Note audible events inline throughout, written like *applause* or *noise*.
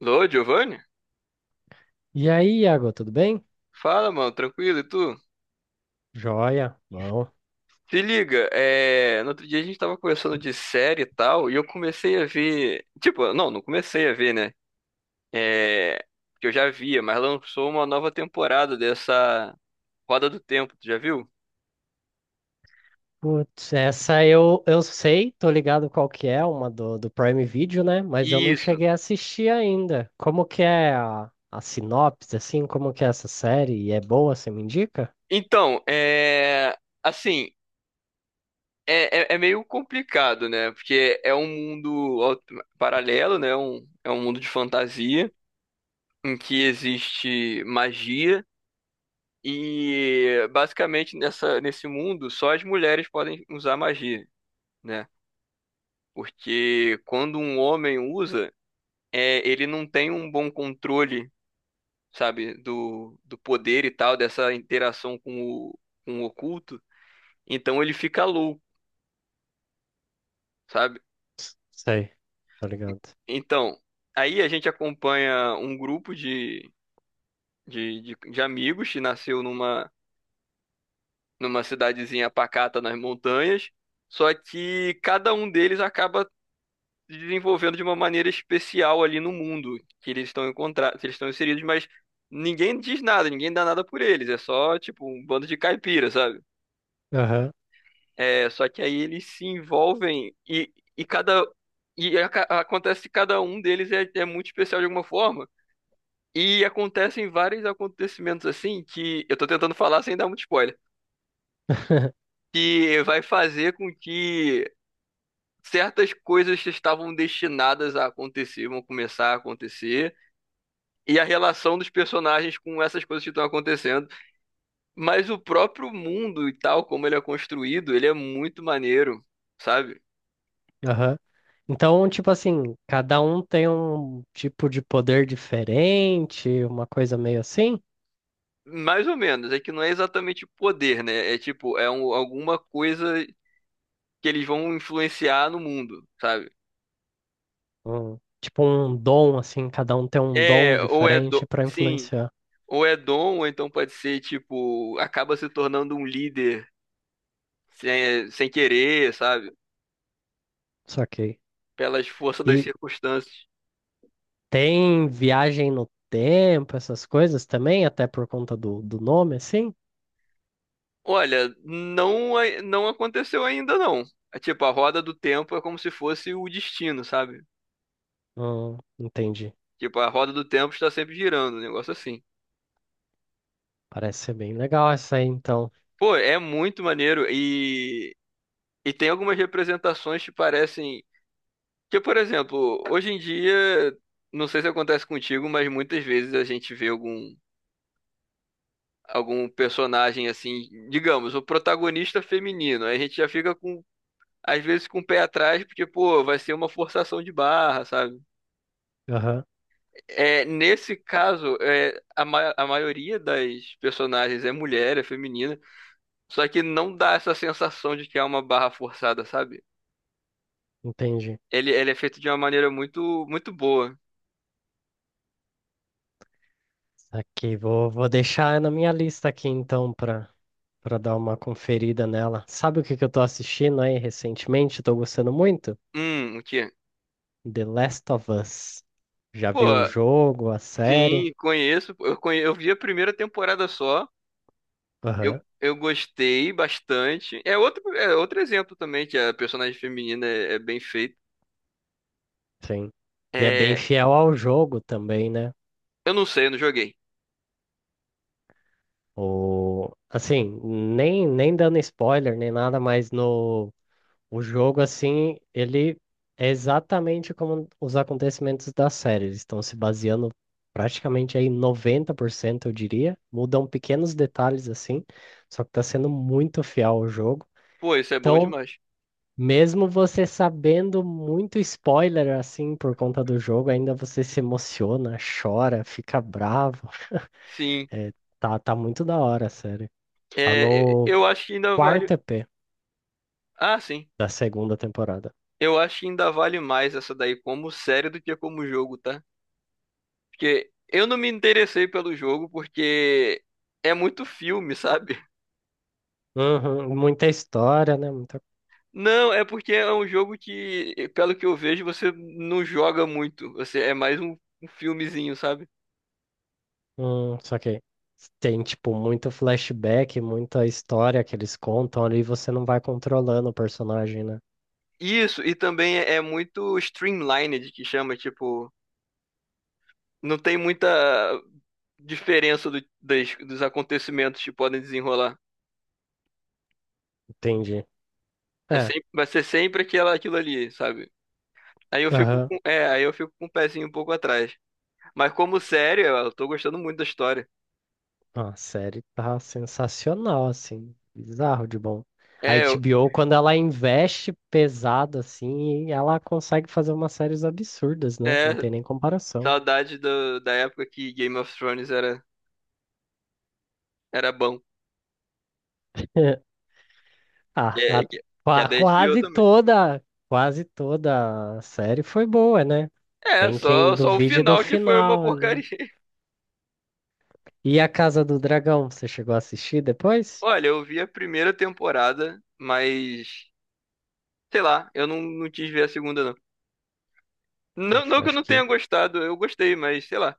Lô, Giovanni? E aí, Iago, tudo bem? Fala, mano, tranquilo, e tu? Joia, bom. Se liga, no outro dia a gente tava conversando de série e tal, e eu comecei a ver. Tipo, não comecei a ver, né? É... Que eu já via, mas lançou uma nova temporada dessa Roda do Tempo, tu já viu? Putz, essa eu sei, tô ligado qual que é, uma do Prime Video, né? Mas eu não Isso. cheguei a assistir ainda. Como que é a sinopse, assim? Como que é essa série? E é boa, você me indica? Então, é. Assim, é meio complicado, né? Porque é um mundo paralelo, né? É um mundo de fantasia em que existe magia. E basicamente nesse mundo só as mulheres podem usar magia, né? Porque quando um homem usa, ele não tem um bom controle, sabe, do poder e tal, dessa interação com o, com o oculto. Então ele fica louco, sabe? Sei, tô ligado. Então, aí a gente acompanha um grupo de amigos que nasceu numa cidadezinha pacata nas montanhas. Só que cada um deles acaba se desenvolvendo de uma maneira especial ali no mundo que eles estão inseridos, mas ninguém diz nada, ninguém dá nada por eles, é só tipo um bando de caipira, sabe? Aham, É, só que aí eles se envolvem e cada acontece que cada um deles é muito especial de alguma forma. E acontecem vários acontecimentos assim que eu tô tentando falar sem dar muito spoiler, *laughs* que vai fazer com que certas coisas que estavam destinadas a acontecer vão começar a acontecer e a relação dos personagens com essas coisas que estão acontecendo. Mas o próprio mundo e tal, como ele é construído, ele é muito maneiro, sabe? aham. Então, tipo assim, cada um tem um tipo de poder diferente, uma coisa meio assim? Mais ou menos, é que não é exatamente poder, né? É tipo, alguma coisa que eles vão influenciar no mundo, sabe? Um, tipo um dom, assim, cada um tem um dom É, ou é dom, diferente para sim, influenciar. ou é dom, ou então pode ser, tipo, acaba se tornando um líder sem querer, sabe? Saquei. Pelas forças das E circunstâncias. tem viagem no tempo, essas coisas também, até por conta do nome, assim? Olha, não, não aconteceu ainda não. É tipo, a roda do tempo é como se fosse o destino, sabe? Entendi. Tipo, a roda do tempo está sempre girando, um negócio assim. Parece ser bem legal essa aí, então. Pô, é muito maneiro e tem algumas representações que parecem. Que, por exemplo, hoje em dia, não sei se acontece contigo, mas muitas vezes a gente vê algum personagem assim, digamos, o protagonista feminino. Aí a gente já fica com, às vezes, com o pé atrás, porque, pô, vai ser uma forçação de barra, sabe? Aham, É, nesse caso, é, a maioria das personagens é mulher, é feminina, só que não dá essa sensação de que é uma barra forçada, sabe? entendi. Ele é feito de uma maneira muito, muito boa. Aqui, vou deixar na minha lista aqui, então, para dar uma conferida nela. Sabe o que que eu tô assistindo aí recentemente? Tô gostando muito? O quê? The Last of Us. Já Pô, viu o jogo, a série? sim, conheço. Eu vi a primeira temporada só. Eu, Aham. eu gostei bastante. É outro exemplo também, que a personagem feminina é bem feita. Sim. E é bem É, fiel ao jogo também, né? eu não sei, eu não joguei. Assim, nem dando spoiler, nem nada, mas no o jogo, assim, ele é exatamente como os acontecimentos da série. Eles estão se baseando praticamente aí 90% eu diria. Mudam pequenos detalhes, assim, só que tá sendo muito fiel ao jogo. Pô, isso é bom Então, demais. mesmo você sabendo muito spoiler, assim, por conta do jogo, ainda você se emociona, chora, fica bravo. Sim. É, tá muito da hora a série. Tá É, no eu acho que ainda quarto vale. EP Ah, sim. da segunda temporada. Eu acho que ainda vale mais essa daí como série do que como jogo, tá? Porque eu não me interessei pelo jogo porque é muito filme, sabe? Uhum, muita história, né? Muita... Não, é porque é um jogo que, pelo que eu vejo, você não joga muito. Você é mais um filmezinho, sabe? Só que tem, tipo, muito flashback, muita história que eles contam ali e você não vai controlando o personagem, né? Isso, e também é muito streamlined, que chama, tipo, não tem muita diferença dos acontecimentos que podem desenrolar. Entendi. É É, sempre, vai ser sempre aquela, aquilo ali, sabe? Aí eu fico aham. com, aí eu fico com o pezinho um pouco atrás. Mas como série, eu tô gostando muito da história. Ah, a série tá sensacional, assim. Bizarro de bom. A É, eu, HBO, quando ela investe pesado, assim, ela consegue fazer umas séries absurdas, né? é Não tem nem comparação. saudade da época que Game of Thrones era, era bom. *laughs* Que, Ah, é- que, que é qua- da HBO quase também. toda, quase toda a série foi boa, né? É, Tem quem só, só o duvide do final que foi uma final porcaria. ali. *laughs* E a Casa do Dragão, você chegou a assistir depois? Olha, eu vi a primeira temporada, mas sei lá, eu não, não quis ver a segunda, não. Não, não Acho, que eu acho não que tenha gostado, eu gostei, mas sei lá.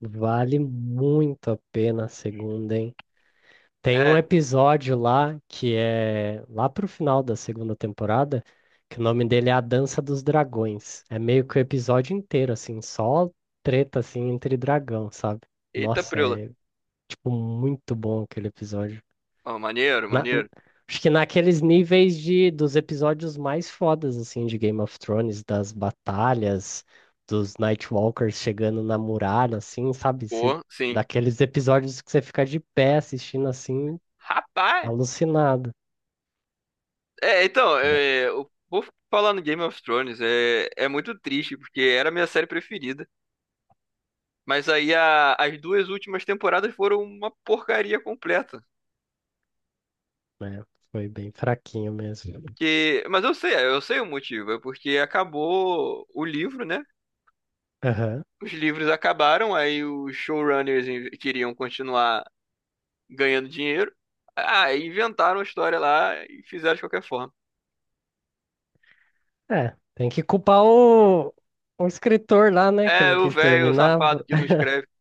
vale muito a pena a segunda, hein? Tem um É, episódio lá que é lá pro final da segunda temporada, que o nome dele é A Dança dos Dragões. É meio que o episódio inteiro, assim, só treta assim entre dragão, sabe? eita Nossa, preula. Muito bom aquele episódio. Ó, maneiro, Na- n- maneiro. acho que naqueles níveis de, dos episódios mais fodas, assim, de Game of Thrones, das batalhas, dos Nightwalkers chegando na muralha, assim, sabe? Pô, sim. Daqueles episódios que você fica de pé assistindo, assim, Rapaz! alucinado. É, então, É, o vou falar no Game of Thrones é muito triste, porque era a minha série preferida. Mas aí as duas últimas temporadas foram uma porcaria completa. né? Foi bem fraquinho mesmo. Que, mas eu sei o motivo, é porque acabou o livro, né? Aham. Os livros acabaram, aí os showrunners queriam continuar ganhando dinheiro. Ah, inventaram a história lá e fizeram de qualquer forma. É, tem que culpar o escritor lá, né, que É, não o quis velho terminar. safado que não escreve. *laughs*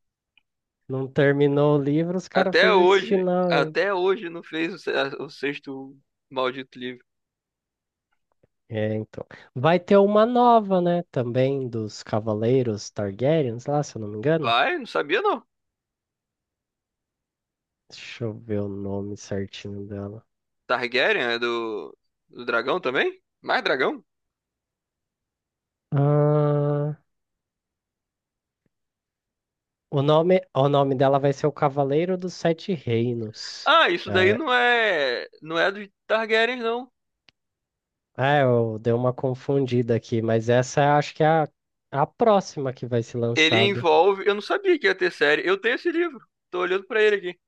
Não terminou o livro, os caras fez esse final aí. Até hoje não fez o, se- a- o sexto maldito livro. É, então. Vai ter uma nova, né? Também dos Cavaleiros Targaryens lá, se eu não me engano. Vai, não sabia não. Deixa eu ver o nome certinho dela. Targaryen é do dragão também? Mais dragão? Ah, o nome dela vai ser o Cavaleiro dos Sete Reinos. Ah, isso daí É, não é, não é do Targaryen não. Eu dei uma confundida aqui, mas essa acho que é a próxima que vai ser Ele lançada. envolve, eu não sabia que ia ter série. Eu tenho esse livro. Tô olhando pra ele aqui.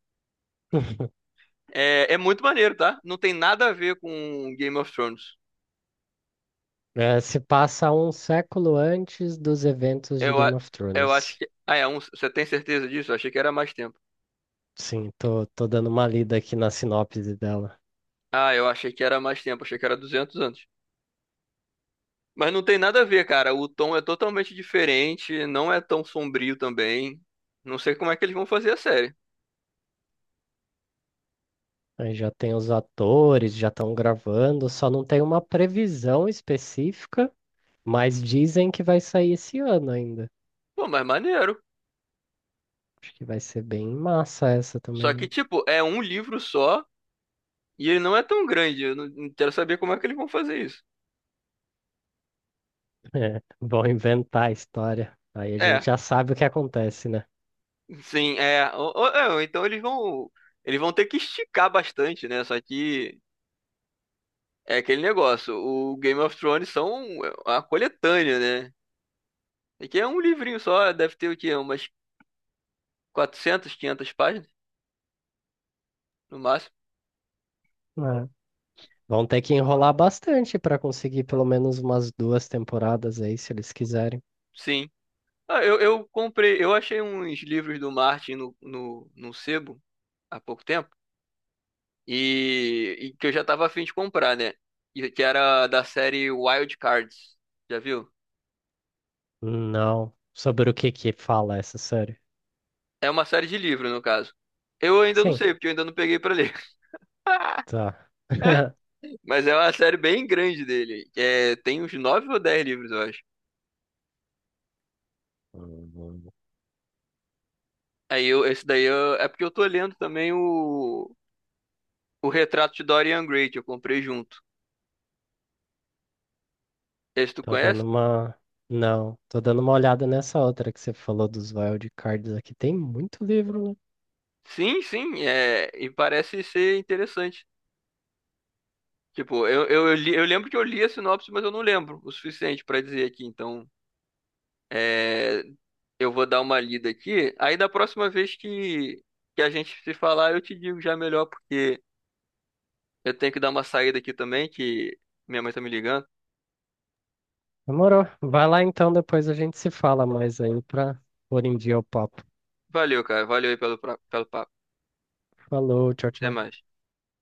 *laughs* É, é muito maneiro, tá? Não tem nada a ver com Game of Thrones. É, se passa um século antes dos eventos de Eu, a- Game of eu acho Thrones. que, ah, é um, você tem certeza disso? Eu achei que era mais tempo. Sim, tô dando uma lida aqui na sinopse dela. Ah, eu achei que era mais tempo, achei que era 200 anos. Mas não tem nada a ver, cara. O tom é totalmente diferente, não é tão sombrio também. Não sei como é que eles vão fazer a série. Aí já tem os atores, já estão gravando, só não tem uma previsão específica, mas dizem que vai sair esse ano ainda. Pô, mas maneiro. Acho que vai ser bem massa essa Só também, que, né? *laughs* tipo, é um livro só e ele não é tão grande. Eu não não quero saber como é que eles vão fazer isso. É, vão inventar a história. Aí a gente É, já sabe o que acontece, né? Ou então eles vão ter que esticar bastante, né? Só que é aquele negócio. O Game of Thrones são a coletânea, né? E que é um livrinho só, deve ter o quê? Umas 400, 500 páginas, no máximo. Né? Vão ter que enrolar bastante para conseguir pelo menos umas duas temporadas aí, se eles quiserem. Sim. Eu comprei, eu achei uns livros do Martin no sebo há pouco tempo e que eu já tava afim de comprar, né? E que era da série Wild Cards, já viu? Não. Sobre o que que fala essa série? É uma série de livro, no caso. Eu ainda não Sim, sei, porque eu ainda não peguei pra ler. *laughs* tá. *laughs* Mas é uma série bem grande dele. É, tem uns 9 ou 10 livros, eu acho. Aí eu, é porque eu tô lendo também o Retrato de Dorian Gray, que eu comprei junto. Esse tu Tô conhece? dando uma. Não, tô dando uma olhada nessa outra que você falou dos wildcards aqui. Tem muito livro, né? Sim, sim, é, e parece ser interessante. Tipo, eu lembro que eu li a sinopse, mas eu não lembro o suficiente pra dizer aqui. Então, é, eu vou dar uma lida aqui. Aí, da próxima vez que a gente se falar, eu te digo já melhor, porque eu tenho que dar uma saída aqui também, que minha mãe tá me ligando. Demorou. Vai lá então, depois a gente se fala mais aí pra pôr em dia o papo. Valeu, cara. Valeu aí pelo papo. Falou, tchau, Até tchau. mais.